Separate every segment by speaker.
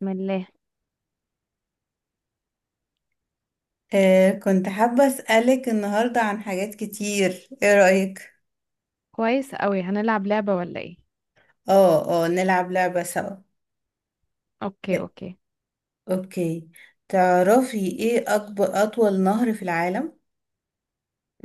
Speaker 1: بسم الله.
Speaker 2: كنت حابة أسألك النهاردة عن حاجات كتير، ايه رأيك؟
Speaker 1: كويس قوي، هنلعب لعبة ولا ايه؟
Speaker 2: اه اه، نلعب لعبة سوا.
Speaker 1: اوكي،
Speaker 2: آه،
Speaker 1: اوكي.
Speaker 2: اوكي. تعرفي ايه أطول نهر في العالم؟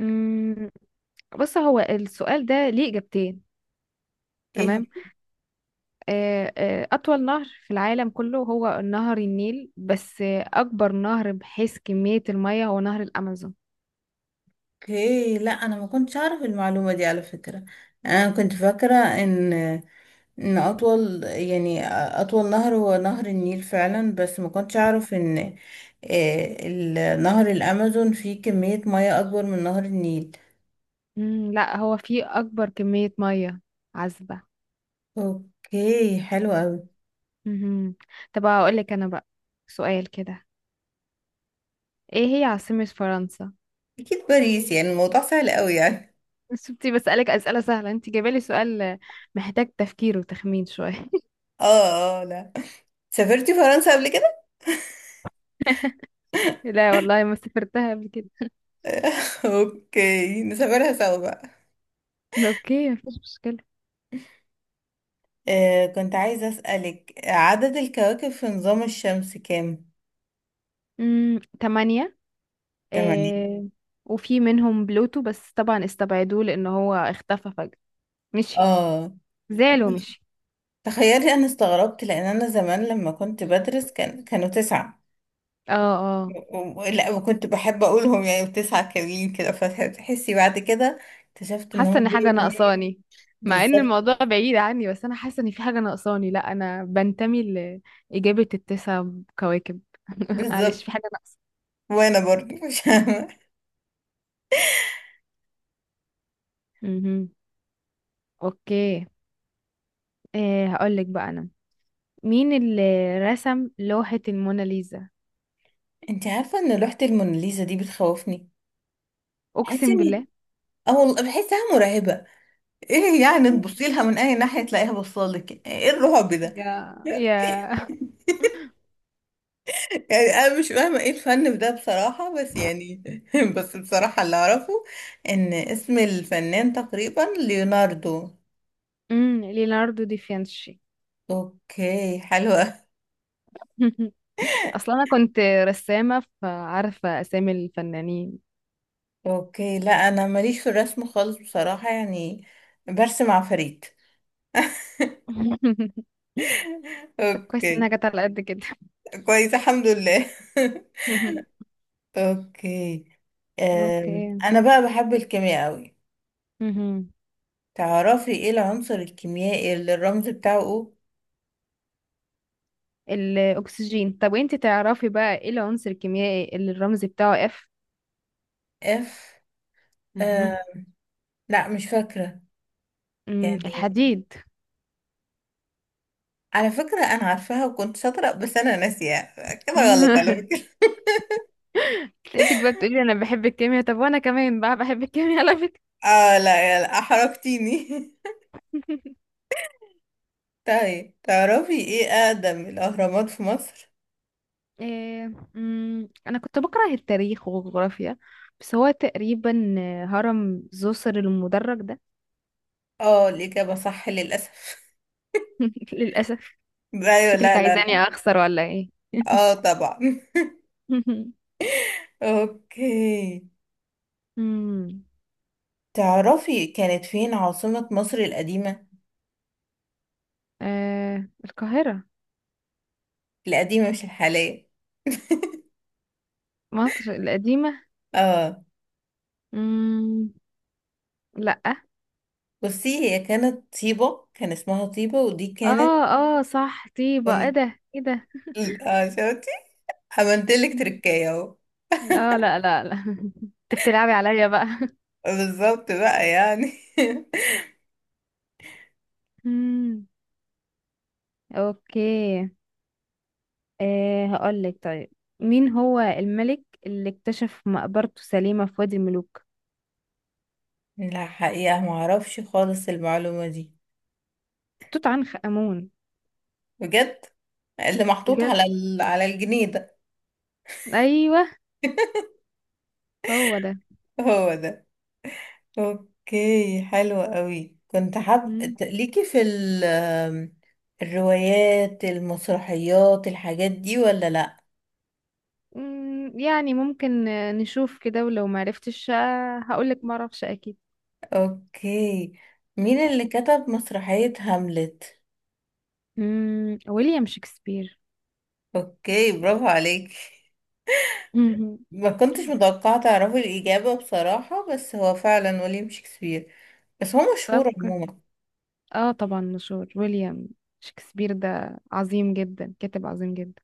Speaker 1: امم بص، هو السؤال ده ليه إجابتين.
Speaker 2: ايه هو؟
Speaker 1: تمام. أطول نهر في العالم كله هو نهر النيل، بس أكبر نهر بحيث كمية المية هو نهر الأمازون.
Speaker 2: اوكي، لا أنا ما كنتش أعرف المعلومة دي على فكرة. أنا كنت فاكرة إن أطول يعني أطول نهر هو نهر النيل فعلا، بس ما كنتش أعرف إن نهر الأمازون فيه كمية مياه أكبر من نهر النيل.
Speaker 1: لا، هو فيه أكبر كمية مية عذبة.
Speaker 2: اوكي حلو أوي.
Speaker 1: مهم. طب هقولك أنا بقى سؤال كده، إيه هي عاصمة فرنسا؟
Speaker 2: اكيد باريس، يعني الموضوع سهل قوي يعني.
Speaker 1: شفتي؟ بسألك أسئلة سهلة، أنت جايبالي سؤال محتاج تفكير وتخمين شوية.
Speaker 2: اه اه، لا. سافرتي فرنسا قبل كده؟
Speaker 1: لا والله، ما سافرتها قبل كده.
Speaker 2: اوكي نسافرها سوا بقى.
Speaker 1: اوكي، مفيش مشكلة.
Speaker 2: كنت عايزة اسألك عدد الكواكب في نظام الشمس كام.
Speaker 1: تمانية.
Speaker 2: تمانية؟
Speaker 1: آه، وفي منهم بلوتو، بس طبعا استبعدوه لان هو اختفى فجأة. مشي.
Speaker 2: اه.
Speaker 1: زعل ومشي.
Speaker 2: تخيلي انا استغربت، لان انا زمان لما كنت بدرس كانوا تسعة،
Speaker 1: اه، اه.
Speaker 2: لا، وكنت بحب اقولهم يعني تسعة كاملين كده، فتحسي بعد كده اكتشفت ان
Speaker 1: حاسة
Speaker 2: هم
Speaker 1: ان حاجة
Speaker 2: بيقولوا تمانية.
Speaker 1: ناقصاني، مع ان
Speaker 2: بالظبط.
Speaker 1: الموضوع بعيد عني، بس انا حاسة ان في حاجة ناقصاني. لا، انا بنتمي لإجابة التسع كواكب.
Speaker 2: بالظبط.
Speaker 1: معلش، في حاجة ناقصة.
Speaker 2: وانا برضو مش
Speaker 1: مهم. اوكي. هقولك بقى انا، مين اللي رسم لوحة الموناليزا؟
Speaker 2: انت عارفه ان لوحه الموناليزا دي بتخوفني؟ بحس
Speaker 1: اقسم
Speaker 2: ان
Speaker 1: بالله.
Speaker 2: اه، والله بحسها مرعبه. ايه يعني؟ تبصي لها من اي ناحيه تلاقيها بصالك، ايه الرعب ده؟
Speaker 1: يا يا.
Speaker 2: يعني انا مش فاهمه ايه الفن في ده بصراحه، بس يعني بس بصراحه اللي اعرفه ان اسم الفنان تقريبا ليوناردو.
Speaker 1: ليوناردو دي فينشي.
Speaker 2: اوكي حلوه.
Speaker 1: اصلا انا كنت رسامه، فعارفه اسامي الفنانين.
Speaker 2: اوكي لا، انا ماليش في الرسم خالص بصراحه يعني. برسم عفاريت.
Speaker 1: طب كويس
Speaker 2: اوكي.
Speaker 1: انها جت على قد كده.
Speaker 2: كويس الحمد لله. اوكي.
Speaker 1: اوكي.
Speaker 2: انا بقى بحب الكيمياء قوي.
Speaker 1: مهم.
Speaker 2: تعرفي ايه العنصر الكيميائي اللي الرمز بتاعه او؟
Speaker 1: الاكسجين. طب وانت تعرفي بقى، ايه العنصر الكيميائي اللي الرمز بتاعه اف؟
Speaker 2: اف. أه،
Speaker 1: مهم.
Speaker 2: لا مش فاكرة. يعني
Speaker 1: الحديد.
Speaker 2: على فكرة انا عارفاها وكنت شاطرة، بس انا ناسيها كده غلط على فكرة.
Speaker 1: لقيتك بقى بتقولي انا بحب الكيمياء، طب وانا كمان بقى بحب الكيمياء على فكره.
Speaker 2: اه لا، يلا احرجتيني. طيب تعرفي ايه اقدم الاهرامات في مصر؟
Speaker 1: إيه؟ أنا كنت بكره التاريخ والجغرافيا، بس هو تقريبا هرم زوسر المدرج ده.
Speaker 2: اه الاجابة صح، للاسف.
Speaker 1: للأسف.
Speaker 2: ايوه،
Speaker 1: شكلك
Speaker 2: لا لا
Speaker 1: عايزاني
Speaker 2: لا.
Speaker 1: أخسر ولا إيه؟
Speaker 2: اه طبعا. اوكي.
Speaker 1: مم.
Speaker 2: تعرفي كانت فين عاصمة مصر القديمة؟
Speaker 1: آه، القاهرة.
Speaker 2: القديمة مش الحالية.
Speaker 1: مصر القديمة.
Speaker 2: اه.
Speaker 1: مم. لأ.
Speaker 2: بصي هي كانت طيبة، كان اسمها طيبة، ودي كانت
Speaker 1: اه، اه، صح، طيبة. ايه
Speaker 2: كن-
Speaker 1: ده؟ ايه ده؟
Speaker 2: اه شفتي؟ عملتلك
Speaker 1: مم.
Speaker 2: تركاية اهو.
Speaker 1: اه، لا، لا، لا. انت بتلعبي عليا بقى.
Speaker 2: بالظبط بقى يعني.
Speaker 1: مم. اوكي. هقولك طيب، مين هو الملك اللي اكتشف مقبرته سليمة في وادي الملوك؟
Speaker 2: لا حقيقة معرفش خالص المعلومة دي.
Speaker 1: توت عنخ آمون.
Speaker 2: بجد. اللي محطوط
Speaker 1: بجد.
Speaker 2: على على الجنيه ده.
Speaker 1: أيوه، هو ده.
Speaker 2: هو ده. اوكي حلوة قوي. كنت حاب
Speaker 1: مم.
Speaker 2: ليكي في ال آم، الروايات، المسرحيات، الحاجات دي ولا لا؟
Speaker 1: يعني ممكن نشوف كده، ولو معرفتش هقولك معرفش أكيد.
Speaker 2: اوكي. مين اللي كتب مسرحية هاملت؟
Speaker 1: ويليام شكسبير.
Speaker 2: اوكي برافو عليك.
Speaker 1: مهم.
Speaker 2: ما كنتش متوقعة تعرفي الإجابة بصراحة، بس هو فعلا ويليام شكسبير. بس هو
Speaker 1: طب
Speaker 2: مشهور عموما.
Speaker 1: اه طبعا، مشهور. ويليام شكسبير ده عظيم جدا، كاتب عظيم جدا.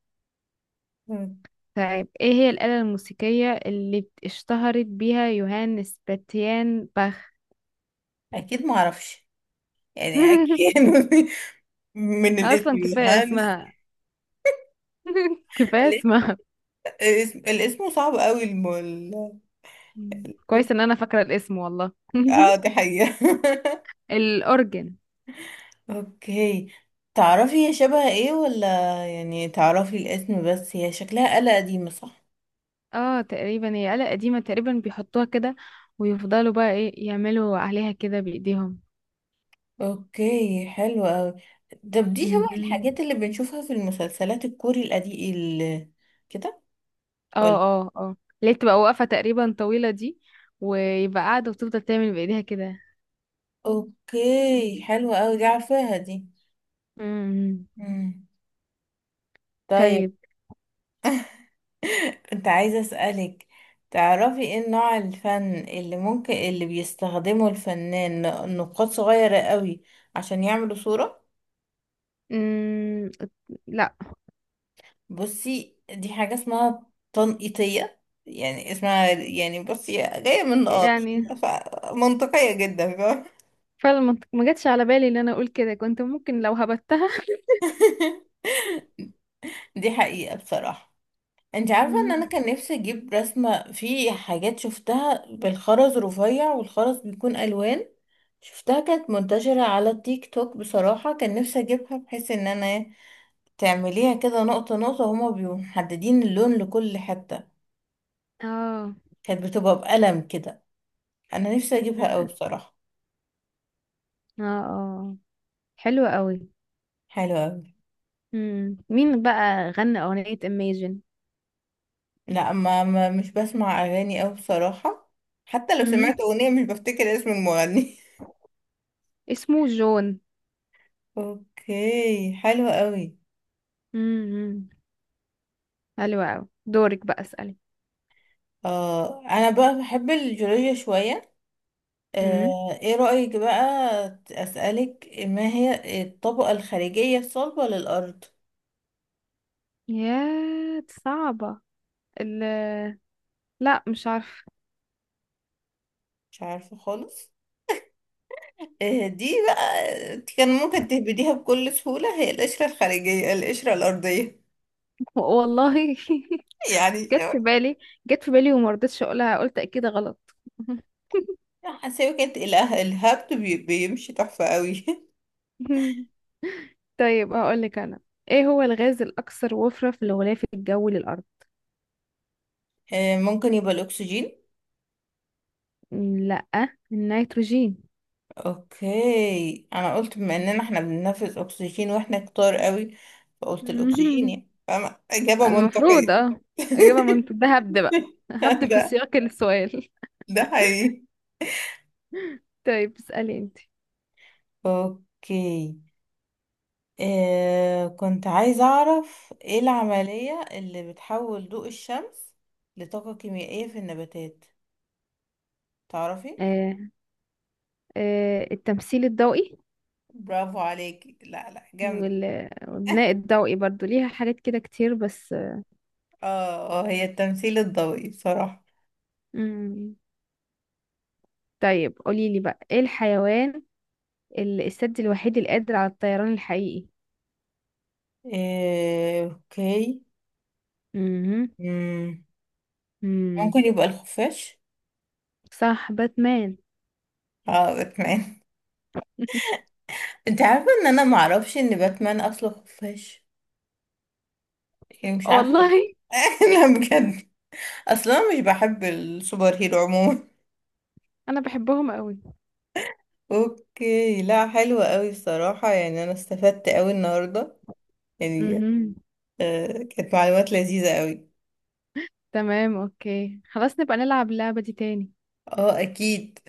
Speaker 2: مم.
Speaker 1: طيب، ايه هي الآلة الموسيقية اللي اشتهرت بيها يوهان سباتيان باخ؟
Speaker 2: أكيد معرفش. يعني أكيد. من الاسم
Speaker 1: اصلا كفايه
Speaker 2: يوهانس.
Speaker 1: اسمها. كفايه اسمها.
Speaker 2: الاسم صعب قوي
Speaker 1: مم. كويس ان انا فاكره الاسم، والله.
Speaker 2: اه دي حقيقة.
Speaker 1: الاورجن.
Speaker 2: اوكي. تعرفي هي شبه ايه ولا؟ يعني تعرفي الاسم، بس هي شكلها آلة قديمة، صح؟
Speaker 1: اه، تقريبا هي آلة قديمه، تقريبا بيحطوها كده، ويفضلوا بقى ايه يعملوا عليها كده بايديهم.
Speaker 2: اوكي حلو اوي. طب دي شبه
Speaker 1: مهم.
Speaker 2: الحاجات اللي بنشوفها في المسلسلات الكوري القديم كده
Speaker 1: اه،
Speaker 2: ولا؟
Speaker 1: اه، اه، اللي هي بتبقى واقفه تقريبا، طويله دي، ويبقى قاعده وتفضل تعمل بايديها كده.
Speaker 2: اوكي حلو اوي، دي عارفاها دي.
Speaker 1: مم.
Speaker 2: مم. طيب.
Speaker 1: طيب.
Speaker 2: انت عايزة اسألك. تعرفي ايه نوع الفن اللي ممكن اللي بيستخدمه الفنان نقاط صغيرة قوي عشان يعملوا صورة؟
Speaker 1: مم. لا.
Speaker 2: بصي دي حاجة اسمها تنقيطية، يعني اسمها يعني بصي جاية من نقاط.
Speaker 1: يعني
Speaker 2: منطقية جدا، فاهمة؟
Speaker 1: فعلا ما ما جاتش على بالي ان انا اقول كده، كنت ممكن لو هبتها.
Speaker 2: دي حقيقة بصراحة. انت عارفة ان انا
Speaker 1: مم.
Speaker 2: كان نفسي اجيب رسمة؟ في حاجات شفتها بالخرز رفيع، والخرز بيكون الوان. شفتها كانت منتشرة على التيك توك بصراحة. كان نفسي اجيبها بحيث ان انا تعمليها كده نقطة نقطة، هما بيبقوا محددين اللون لكل حتة.
Speaker 1: اه،
Speaker 2: كانت بتبقى بقلم كده. انا نفسي اجيبها اوي بصراحة.
Speaker 1: اه، اه، حلوة قوي.
Speaker 2: حلوة أوي.
Speaker 1: مم. مين بقى غنى أغنية Imagine؟
Speaker 2: لا مش بسمع اغاني أوي بصراحة. حتى لو
Speaker 1: مم.
Speaker 2: سمعت اغنية مش بفتكر اسم المغني.
Speaker 1: اسمه جون.
Speaker 2: اوكي حلو قوي.
Speaker 1: مم. حلوة قوي، دورك بقى، اسألي.
Speaker 2: اه انا بقى بحب الجيولوجيا شوية.
Speaker 1: مم.
Speaker 2: ايه رأيك بقى اسألك ما هي الطبقة الخارجية الصلبة للأرض؟
Speaker 1: يا دي صعبة. ال لا، مش عارفة.
Speaker 2: مش عارفة خالص؟ دي بقى كان ممكن تهبديها بكل سهولة، هي القشرة الخارجية، القشرة الأرضية.
Speaker 1: والله.
Speaker 2: يعني
Speaker 1: جت في بالي. جت في بالي وما رضيتش اقولها، قلت اكيد غلط.
Speaker 2: حاسة كانت الهبت بيمشي تحفة قوي.
Speaker 1: طيب هقولك انا، ايه هو الغاز الاكثر وفرة في الغلاف الجوي للارض؟
Speaker 2: ممكن يبقى الاكسجين.
Speaker 1: لا، النيتروجين.
Speaker 2: اوكي، انا قلت بما اننا احنا بننفذ اكسجين واحنا كتار قوي، فقلت الاكسجين، يعني فاهمة؟ اجابة
Speaker 1: المفروض،
Speaker 2: منطقية.
Speaker 1: اه، اجابه منطقيه، ده هبد بقى. هبد في
Speaker 2: ده
Speaker 1: سياق السؤال.
Speaker 2: ده حقيقي.
Speaker 1: طيب، اسالي انت.
Speaker 2: اوكي. كنت عايزة اعرف ايه العملية اللي بتحول ضوء الشمس لطاقة كيميائية في النباتات؟ تعرفي؟
Speaker 1: آه التمثيل الضوئي.
Speaker 2: برافو عليكي، لا لا جامد.
Speaker 1: والبناء الضوئي برضو ليها حاجات كده كتير، بس.
Speaker 2: اه هي التمثيل الضوئي بصراحة.
Speaker 1: مم. طيب قولي لي بقى، ايه الحيوان السد الوحيد القادر على الطيران الحقيقي؟
Speaker 2: اوكي.
Speaker 1: امم
Speaker 2: مم.
Speaker 1: امم
Speaker 2: ممكن يبقى الخفاش.
Speaker 1: صح، باتمان.
Speaker 2: اه باتمان. انت عارفة ان انا معرفش ان باتمان اصله خفاش؟ يعني مش عارفة.
Speaker 1: والله.
Speaker 2: لا بجد. اصلا انا مش بحب السوبر هيرو عموما.
Speaker 1: انا بحبهم قوي.
Speaker 2: اوكي لا، حلوة قوي الصراحة. يعني انا استفدت قوي النهاردة يعني.
Speaker 1: امم
Speaker 2: آه كانت معلومات لذيذة قوي.
Speaker 1: تمام. اوكي، خلاص، نبقى نلعب اللعبة دي تاني.
Speaker 2: اه اكيد.